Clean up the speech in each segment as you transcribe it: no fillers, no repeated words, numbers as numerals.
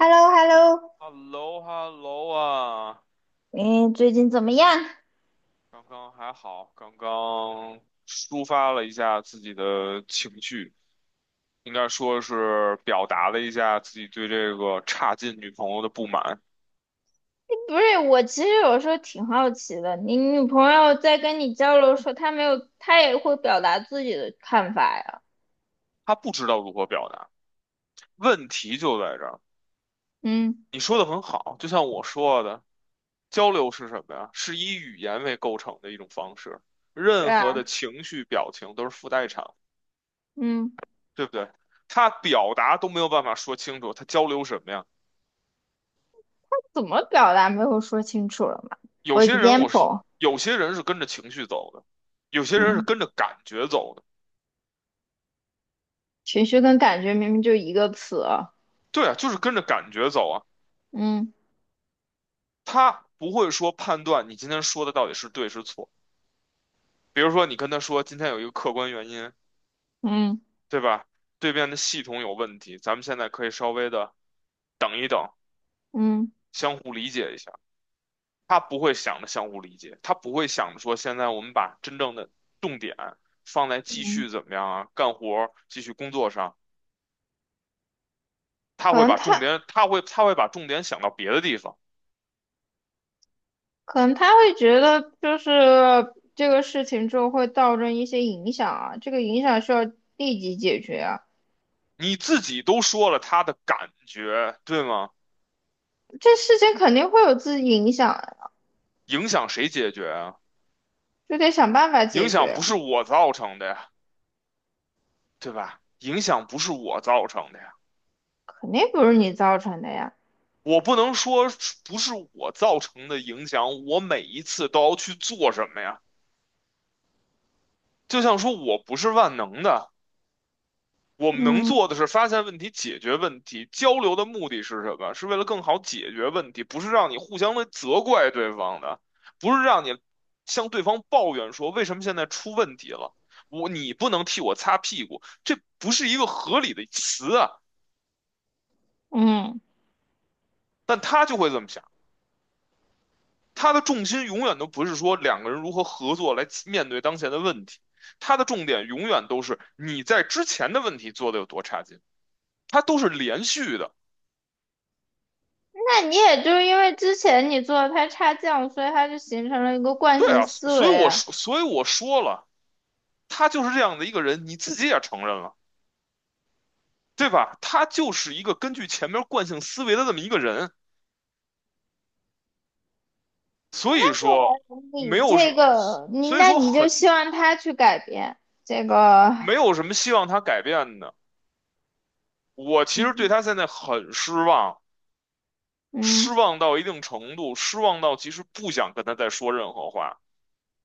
h e l l o h e l l o hello hello 啊，你最近怎么样？刚刚还好，刚刚抒发了一下自己的情绪，应该说是表达了一下自己对这个差劲女朋友的不满。不是，我其实有时候挺好奇的，你女朋友在跟你交流的时候，她没有，她也会表达自己的看法呀。她不知道如何表达，问题就在这儿。嗯，你说的很好，就像我说的，交流是什么呀？是以语言为构成的一种方式，对任啊，何的情绪表情都是附带场，嗯，对不对？他表达都没有办法说清楚，他交流什么呀？怎么表达没有说清楚了嘛有？For 些人我是 example，有些人是跟着情绪走的，有些人是嗯，跟着感觉走的。情绪跟感觉明明就一个词啊。对啊，就是跟着感觉走啊。嗯他不会说判断你今天说的到底是对是错。比如说你跟他说今天有一个客观原因，嗯对吧？对面的系统有问题，咱们现在可以稍微的等一等，嗯相互理解一下。他不会想着相互理解，他不会想着说现在我们把真正的重点放在继嗯，续怎么样啊，干活儿继续工作上。他可会能把重她点，他会把重点想到别的地方。可能她会觉得就是这个事情之后会造成一些影响啊，这个影响需要立即解决啊。你自己都说了他的感觉，对吗？这事情肯定会有自己影响啊，影响谁解决啊？就得想办法影解响决，不是我造成的呀，对吧？影响不是我造成的呀，肯定不是你造成的呀。我不能说不是我造成的影响，我每一次都要去做什么呀？就像说我不是万能的，我们能嗯做的是发现问题、解决问题。交流的目的是什么？是为了更好解决问题，不是让你互相的责怪对方的，不是让你向对方抱怨说为什么现在出问题了，我你不能替我擦屁股，这不是一个合理的词啊。嗯，但他就会这么想，他的重心永远都不是说两个人如何合作来面对当前的问题，他的重点永远都是你在之前的问题做的有多差劲，他都是连续的。那你也就是因为之前你做的太差劲，所以他就形成了一个惯对性啊，思所以维我啊。说，所以我说了，他就是这样的一个人，你自己也承认了，对吧？他就是一个根据前面惯性思维的这么一个人，所以说你没有什这么，个，你所以那说你就很希望他去改变这个，没有什么希望他改变的。我其实对嗯他现在很失望，嗯失望到一定程度，失望到其实不想跟他再说任何话。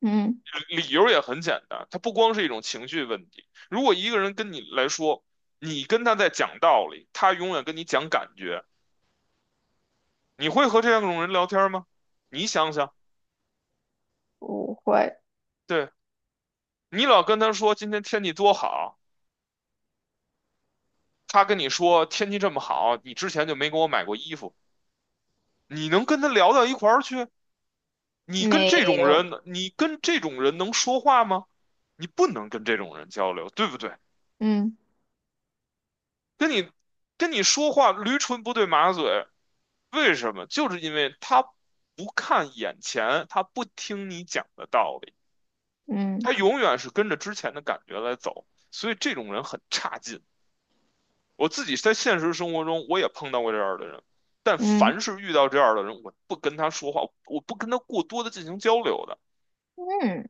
嗯，理由也很简单，他不光是一种情绪问题。如果一个人跟你来说，你跟他在讲道理，他永远跟你讲感觉。你会和这种人聊天吗？你想想，不会，对，你老跟他说今天天气多好，他跟你说天气这么好，你之前就没给我买过衣服，你能跟他聊到一块儿去？没有，你跟这种人能说话吗？你不能跟这种人交流，对不对？嗯跟你跟你说话驴唇不对马嘴，为什么？就是因为他不看眼前，他不听你讲的道理。嗯他永远是跟着之前的感觉来走，所以这种人很差劲。我自己在现实生活中我也碰到过这样的人，但嗯凡是遇到这样的人，我不跟他说话，我不跟他过多的进行交流的。嗯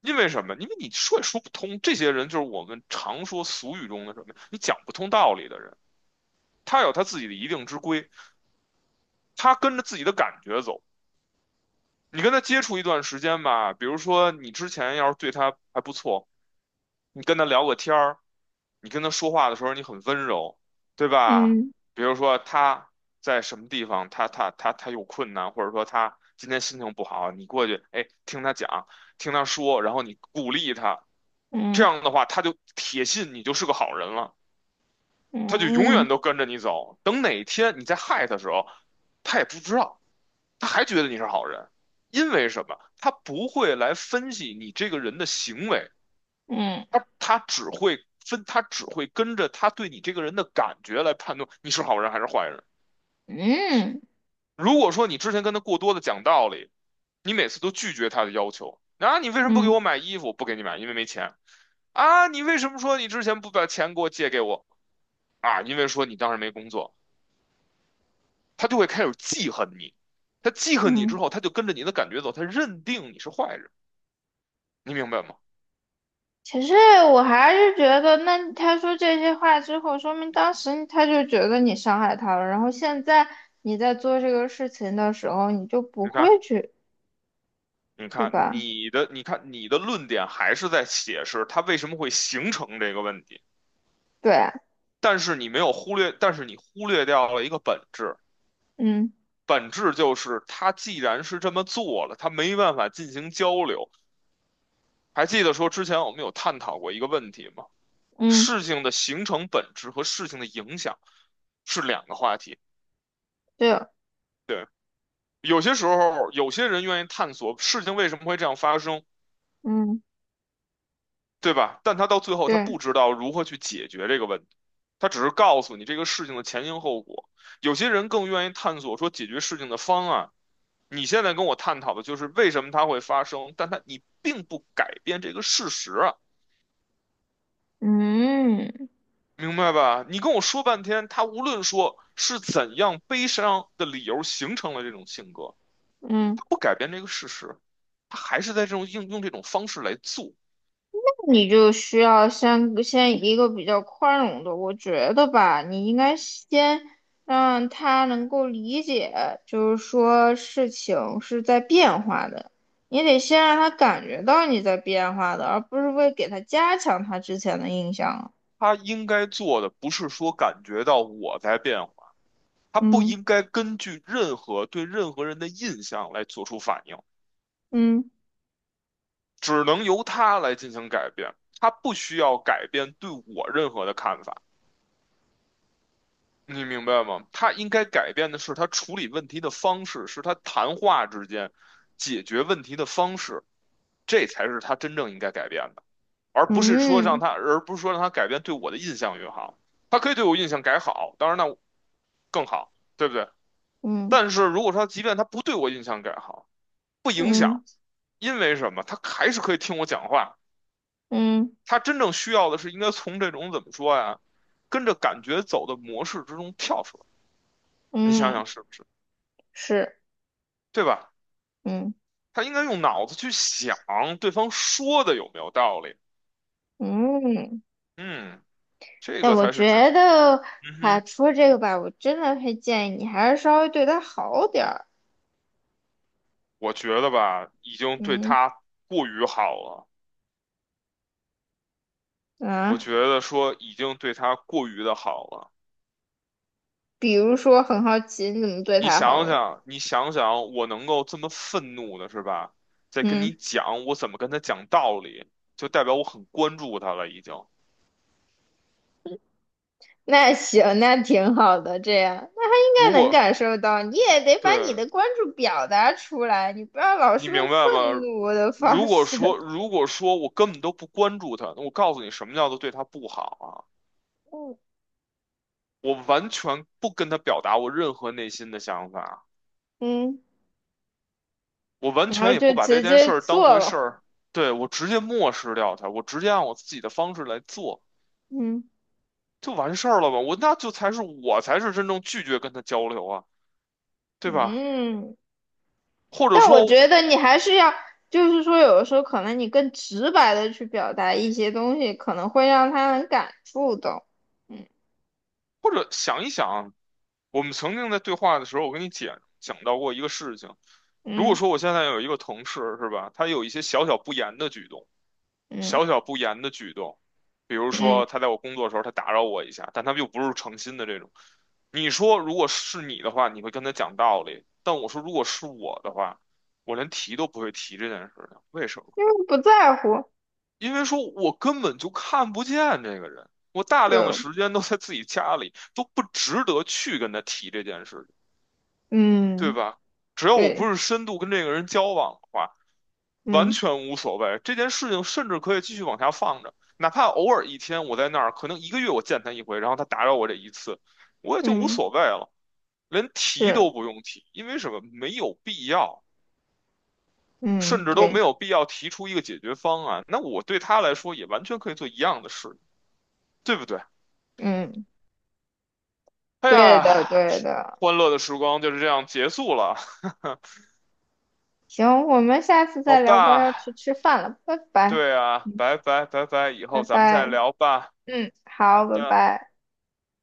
因为什么？因为你说也说不通，这些人就是我们常说俗语中的什么，你讲不通道理的人。他有他自己的一定之规，他跟着自己的感觉走。你跟他接触一段时间吧，比如说你之前要是对他还不错，你跟他聊个天儿，你跟他说话的时候你很温柔，对吧？嗯比如说他在什么地方，他有困难，或者说他今天心情不好，你过去，哎，听他讲，听他说，然后你鼓励他，这嗯样的话他就铁信你就是个好人了，他就永嗯嗯远都跟着你走。等哪天你再害他的时候，他也不知道，他还觉得你是好人，因为什么？他不会来分析你这个人的行为。他只会跟着他对你这个人的感觉来判断你是好人还是坏人。嗯如果说你之前跟他过多的讲道理，你每次都拒绝他的要求，啊，你为什么不给嗯我买衣服？不给你买，因为没钱。啊，你为什么说你之前不把钱给我借给我？啊，因为说你当时没工作，他就会开始记恨你。他记恨你嗯。之后，他就跟着你的感觉走，他认定你是坏人，你明白吗？其实我还是觉得，那他说这些话之后，说明当时他就觉得你伤害他了，然后现在你在做这个事情的时候，你就不你看，会去，对吧？你看你的论点还是在解释它为什么会形成这个问题，对啊，但是你没有忽略，但是你忽略掉了一个本质，嗯本质就是它既然是这么做了，它没办法进行交流。还记得说之前我们有探讨过一个问题吗？嗯，事情的形成本质和事情的影响是两个话题。对，有些时候，有些人愿意探索事情为什么会这样发生，嗯对吧？但他到最后他对，不知道如何去解决这个问题，他只是告诉你这个事情的前因后果。有些人更愿意探索说解决事情的方案。你现在跟我探讨的就是为什么它会发生，但它你并不改变这个事实啊，嗯明白吧？你跟我说半天，他无论说是怎样悲伤的理由形成了这种性格，嗯。他不改变这个事实，他还是在这种应用这种方式来做。你就需要先一个比较宽容的，我觉得吧，你应该先让他能够理解，就是说事情是在变化的，你得先让他感觉到你在变化的，而不是为给他加强他之前的印象。他应该做的不是说感觉到我在变他不嗯应该根据任何对任何人的印象来做出反应，嗯只能由他来进行改变。他不需要改变对我任何的看法，你明白吗？他应该改变的是他处理问题的方式，是他谈话之间解决问题的方式，这才是他真正应该改变的，嗯而不是说让他改变对我的印象越好。他可以对我印象改好，当然那更好，对不对？但嗯是如果说即便他不对我印象改好，不影嗯响。因为什么？他还是可以听我讲话。嗯他真正需要的是应该从这种怎么说呀，跟着感觉走的模式之中跳出来。你想嗯，想是不是？是，对吧？嗯他应该用脑子去想对方说的有没有道理。嗯。嗯，这那个我才是真。觉得，嗯啊，哼，除了这个吧，我真的会建议你还是稍微对他好点儿。我觉得吧，已经对嗯他过于好了。我啊，觉得说已经对他过于的好了。比如说，很好奇你怎么对你他好想了。想，你想想，我能够这么愤怒的是吧？在跟嗯，你讲，我怎么跟他讲道理，就代表我很关注他了已经。那行，那挺好的，这样大如家能果，感受到，你也得把你对，的关注表达出来，你不要老你是用明白愤吗？怒的方式。如果说我根本都不关注他，那我告诉你什么叫做对他不好啊？嗯我完全不跟他表达我任何内心的想法，嗯，我完然后全也就不把这直件接事儿当做回事了。儿，对，我直接漠视掉他，我直接按我自己的方式来做。嗯就完事儿了吧？我才是真正拒绝跟他交流啊，对吧？嗯。或者但我说，觉得你还是要，就是说，有的时候可能你更直白的去表达一些东西，可能会让他很感触到。或者想一想，我们曾经在对话的时候，我跟你讲讲到过一个事情。如果嗯说我现在有一个同事，是吧？他有一些小小不言的举动，嗯小小不言的举动，比如嗯，说他在我工作的时候，他打扰我一下，但他又不是诚心的这种。你说，如果是你的话，你会跟他讲道理；但我说，如果是我的话，我连提都不会提这件事情，为什么？因为不在乎，因为说我根本就看不见这个人，我大量的对，时间都在自己家里，都不值得去跟他提这件事情，对嗯吧？只要我对，不是深度跟这个人交往的话，完嗯全无所谓。这件事情甚至可以继续往下放着，哪怕偶尔一天我在那儿，可能一个月我见他一回，然后他打扰我这一次，我也就无嗯所谓了，连提是，都不用提，因为什么？没有必要，嗯甚至都没对，有必要提出一个解决方案。那我对他来说也完全可以做一样的事，对不对？嗯哎对的呀，对的。欢乐的时光就是这样结束了。行，我们下次好再聊吧，要去吧，吃饭了，拜拜对啊，拜拜拜拜，以拜后咱们再拜。聊吧。嗯，好好，拜的。拜。